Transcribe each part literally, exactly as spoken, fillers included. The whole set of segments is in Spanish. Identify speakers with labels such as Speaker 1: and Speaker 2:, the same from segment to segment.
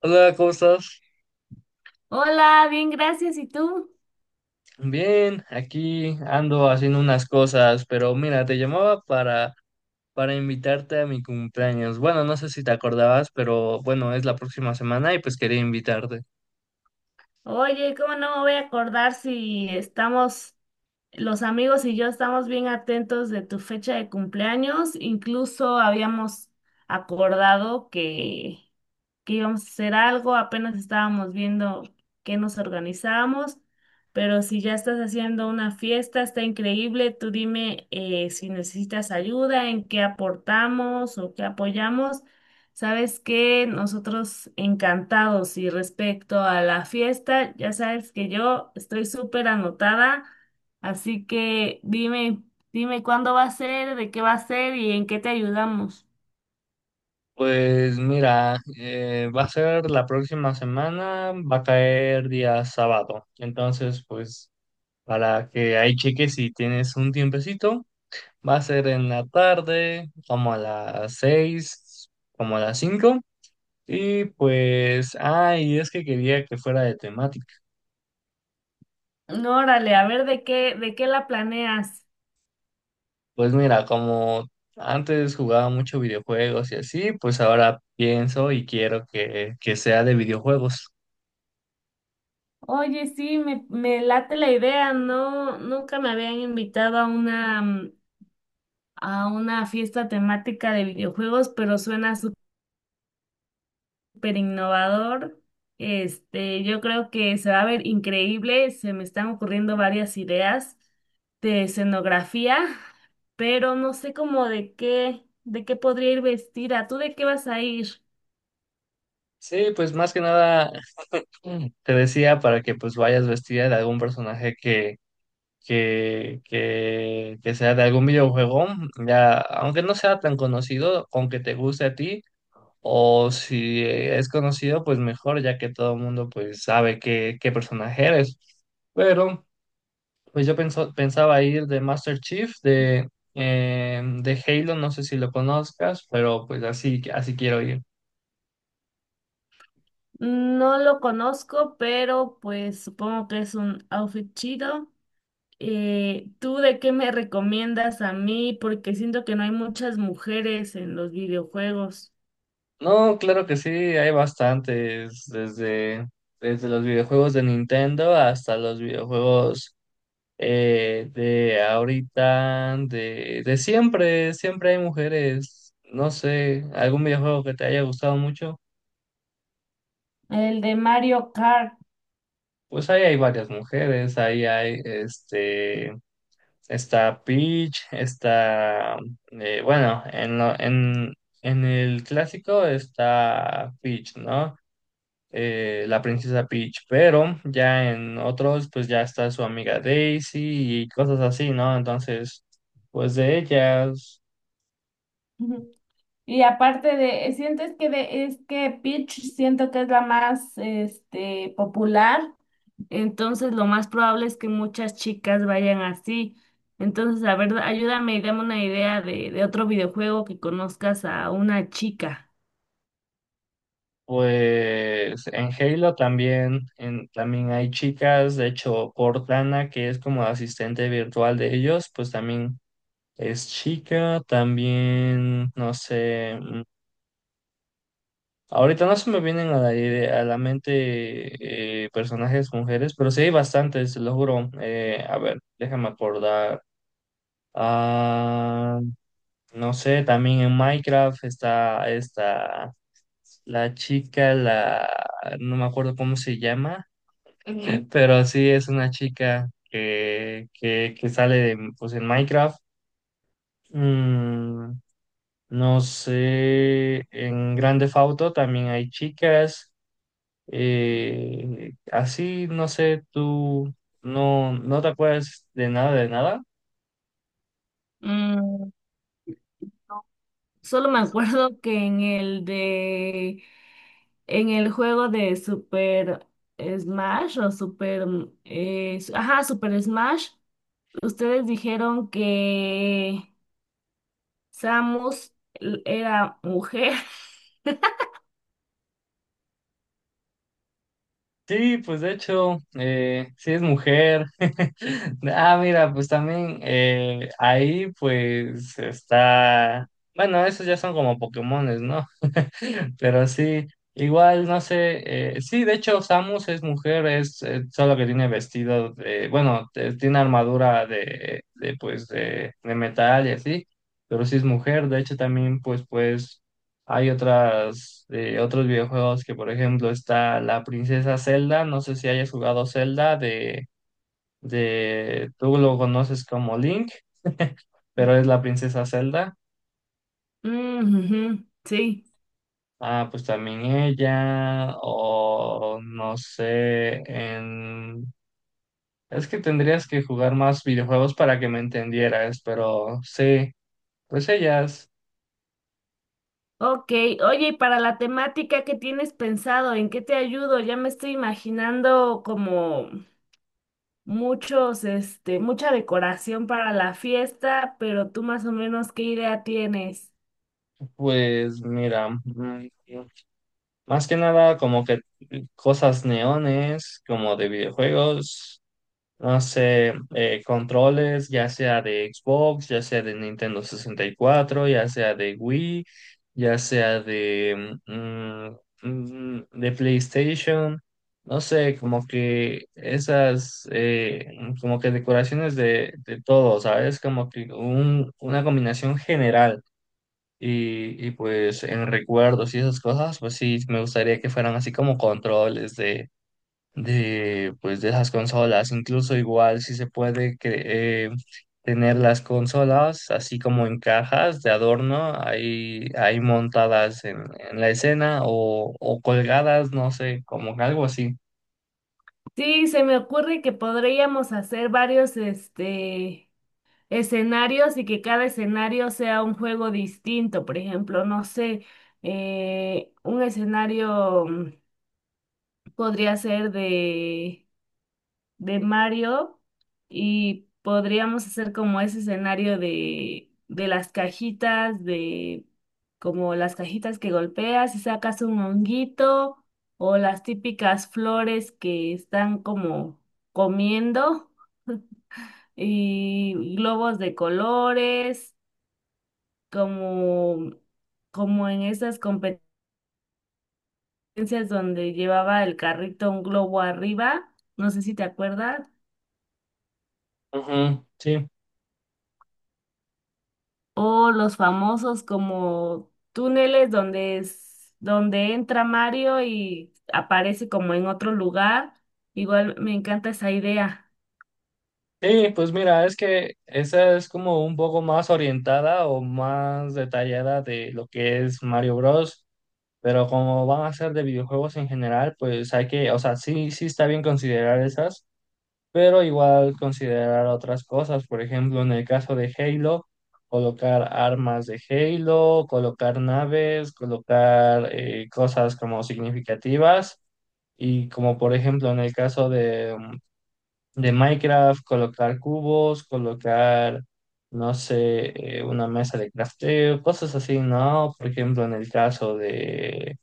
Speaker 1: Hola, ¿cómo estás?
Speaker 2: Hola, bien, gracias. ¿Y tú?
Speaker 1: Bien, aquí ando haciendo unas cosas, pero mira, te llamaba para, para invitarte a mi cumpleaños. Bueno, no sé si te acordabas, pero bueno, es la próxima semana y pues quería invitarte.
Speaker 2: Oye, ¿cómo no me voy a acordar si estamos, los amigos y yo estamos bien atentos de tu fecha de cumpleaños? Incluso habíamos acordado que que íbamos a hacer algo, apenas estábamos viendo qué nos organizamos, pero si ya estás haciendo una fiesta, está increíble, tú dime eh, si necesitas ayuda, en qué aportamos o qué apoyamos. Sabes que nosotros encantados y respecto a la fiesta, ya sabes que yo estoy súper anotada, así que dime, dime cuándo va a ser, de qué va a ser y en qué te ayudamos.
Speaker 1: Pues mira, eh, va a ser la próxima semana, va a caer día sábado. Entonces, pues para que ahí cheques si tienes un tiempecito, va a ser en la tarde, como a las seis, como a las cinco. Y pues, ay, es que quería que fuera de temática.
Speaker 2: No, órale, a ver de qué, de qué la planeas.
Speaker 1: Pues mira, como antes jugaba mucho videojuegos y así, pues ahora pienso y quiero que, que sea de videojuegos.
Speaker 2: Oye, sí, me, me late la idea, no, nunca me habían invitado a una, mm, a una fiesta temática de videojuegos, pero suena súper innovador. Este, yo creo que se va a ver increíble, se me están ocurriendo varias ideas de escenografía, pero no sé cómo de qué, de qué podría ir vestida. ¿Tú de qué vas a ir?
Speaker 1: Sí, pues más que nada, mm, te decía para que pues vayas vestida de algún personaje que, que, que, que sea de algún videojuego, ya, aunque no sea tan conocido, aunque te guste a ti. O si es conocido, pues mejor, ya que todo el mundo pues sabe qué, qué personaje eres. Pero pues yo penso- pensaba ir de Master Chief, de, eh, de Halo, no sé si lo conozcas, pero pues así, así quiero ir.
Speaker 2: No lo conozco, pero pues supongo que es un outfit chido. Eh, ¿tú de qué me recomiendas a mí? Porque siento que no hay muchas mujeres en los videojuegos.
Speaker 1: No, claro que sí, hay bastantes, desde, desde los videojuegos de Nintendo hasta los videojuegos. Eh, de ahorita, de, de siempre, siempre hay mujeres, no sé, algún videojuego que te haya gustado mucho,
Speaker 2: El de Mario Kart.
Speaker 1: pues ahí hay varias mujeres, ahí hay, este, está Peach, está, eh, bueno, en, lo- en, en el clásico está Peach, ¿no? Eh, la princesa Peach, pero ya en otros, pues ya está su amiga Daisy y cosas así, ¿no? Entonces, pues de ellas.
Speaker 2: Ujú. Y aparte de, eh, sientes que de, es que Peach siento que es la más este popular. Entonces, lo más probable es que muchas chicas vayan así. Entonces, a ver, ayúdame y dame una idea de, de otro videojuego que conozcas a una chica.
Speaker 1: Pues en Halo también, en, también hay chicas, de hecho Cortana, que es como asistente virtual de ellos, pues también es chica, también, no sé, mm, ahorita no se me vienen a la, ide- a la mente, eh, personajes mujeres, pero sí hay bastantes, te lo juro. Eh, a ver, déjame acordar. Ah, no sé, también en Minecraft está esta, la chica, la, no me acuerdo cómo se llama. Pero sí es una chica que, que, que sale de, pues en Minecraft. Mm, no sé, en Grande Auto también hay chicas. Eh, así, no sé, tú no, no te acuerdas de nada, de nada.
Speaker 2: Solo me acuerdo que en el de, en el juego de Super Smash o Super, eh, s- ajá, Super Smash, ustedes dijeron que Samus l- era mujer.
Speaker 1: Sí, pues de hecho, eh, sí es mujer. Ah, mira, pues también, eh, ahí pues está, bueno, esos ya son como Pokémones, ¿no? Pero sí, igual, no sé, eh, sí, de hecho Samus es mujer, es eh, solo que tiene vestido, de, bueno, te- tiene armadura de, de, pues, de, de metal y así, pero sí es mujer, de hecho también, pues, pues, hay otras, eh, otros videojuegos que, por ejemplo, está la princesa Zelda, no sé si hayas jugado Zelda, de, de, tú lo conoces como Link, pero es la princesa Zelda.
Speaker 2: Mm, ujú, sí.
Speaker 1: Ah, pues también ella, o no sé, en... Es que tendrías que jugar más videojuegos para que me entendieras, pero sí, pues ellas.
Speaker 2: Ok, oye, y para la temática que tienes pensado, ¿en qué te ayudo? Ya me estoy imaginando como muchos, este, mucha decoración para la fiesta, pero tú más o menos ¿qué idea tienes?
Speaker 1: Pues mira, mm, más que nada como que cosas neones, como de videojuegos, no sé, eh, controles, ya sea de Xbox, ya sea de Nintendo sesenta y cuatro, ya sea de Wii, ya sea de, mm, mm, de PlayStation, no sé, como que esas, eh, como que decoraciones de, de todo, ¿sabes? Como que un- una combinación general. Y, y pues en recuerdos y esas cosas, pues sí, me gustaría que fueran así como controles de, de, pues, de esas consolas. Incluso igual si se puede cre- eh, tener las consolas así como en cajas de adorno, ahí, ahí montadas en, en la escena o, o colgadas, no sé, como algo así.
Speaker 2: Sí, se me ocurre que podríamos hacer varios, este, escenarios y que cada escenario sea un juego distinto. Por ejemplo, no sé, eh, un escenario mm, podría ser de de Mario y podríamos hacer como ese escenario de, de las cajitas, de como las cajitas que golpeas y sacas un honguito o las típicas flores que están como comiendo y globos de colores, como, como en esas competencias donde llevaba el carrito un globo arriba, no sé si te acuerdas.
Speaker 1: Ujú, sí.
Speaker 2: O los famosos como túneles donde es, donde entra Mario y aparece como en otro lugar. Igual me encanta esa idea.
Speaker 1: Sí, pues mira, es que esa es como un poco más orientada o más detallada de lo que es Mario Bros. Pero como van a ser de videojuegos en general, pues hay que, o sea, sí, sí está bien considerar esas. Pero igual considerar otras cosas, por ejemplo, en el caso de Halo, colocar armas de Halo, colocar naves, colocar, eh, cosas como significativas. Y como por ejemplo en el caso de, mm, de Minecraft, colocar cubos, colocar, no sé, eh, una mesa de crafteo, cosas así, ¿no? Por ejemplo, en el caso de,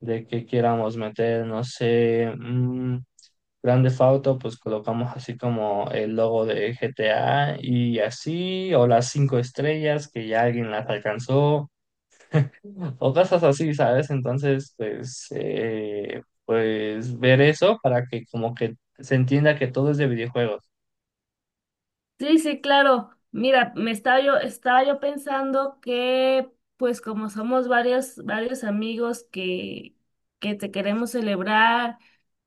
Speaker 1: de que queramos meter, no sé, mm, Grand Theft Auto, pues colocamos así como el logo de G T A y así, o las cinco estrellas que ya alguien las alcanzó, o cosas así, ¿sabes? Entonces, pues, eh, pues ver eso para que como que se entienda que todo es de videojuegos.
Speaker 2: Sí, sí, claro. Mira, me estaba yo, estaba yo pensando que, pues como somos varios, varios amigos que, que te queremos celebrar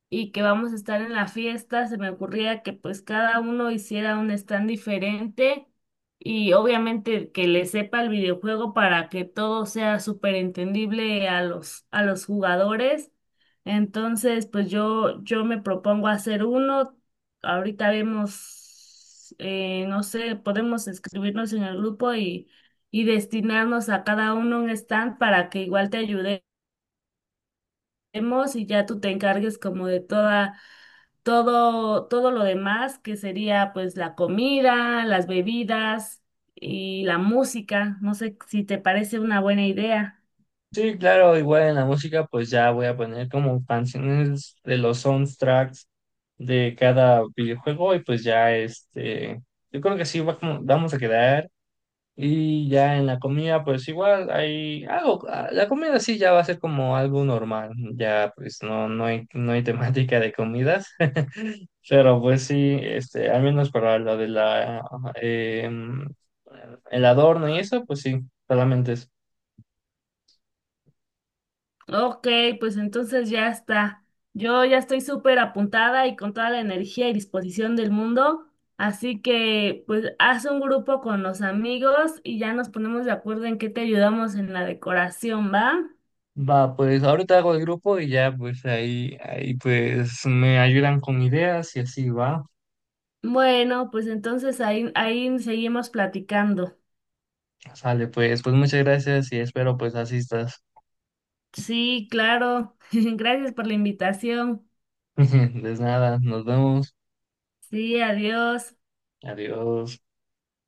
Speaker 2: y que vamos a estar en la fiesta, se me ocurría que pues cada uno hiciera un stand diferente y obviamente que le sepa el videojuego para que todo sea súper entendible a los, a los jugadores. Entonces, pues yo, yo me propongo hacer uno. Ahorita vemos, eh, no sé, podemos escribirnos en el grupo y, y destinarnos a cada uno un stand para que igual te ayude hacemos y ya tú te encargues como de toda, todo, todo lo demás, que sería pues la comida, las bebidas y la música. No sé si te parece una buena idea.
Speaker 1: Sí, claro, igual en la música, pues ya voy a poner como canciones de los soundtracks de cada videojuego y pues ya, este, yo creo que sí va como- vamos a quedar. Y ya en la comida, pues igual hay algo, ah, la comida sí ya va a ser como algo normal, ya pues no, no hay, no hay temática de comidas. Pero pues sí, este, al menos para lo de la, ah, em, el adorno y eso, pues sí, solamente es.
Speaker 2: Ok, pues entonces ya está. Yo ya estoy súper apuntada y con toda la energía y disposición del mundo. Así que pues haz un grupo con los amigos y ya nos ponemos de acuerdo en qué te ayudamos en la decoración, ¿va?
Speaker 1: Va, pues ahorita hago el grupo y ya pues ahí, ahí pues me ayudan con ideas y así va.
Speaker 2: Bueno, pues entonces ahí, ahí seguimos platicando.
Speaker 1: Sale, pues, pues muchas gracias y espero pues asistas.
Speaker 2: Sí, claro. Gracias por la invitación.
Speaker 1: Pues nada, nos vemos.
Speaker 2: Sí, adiós.
Speaker 1: Adiós.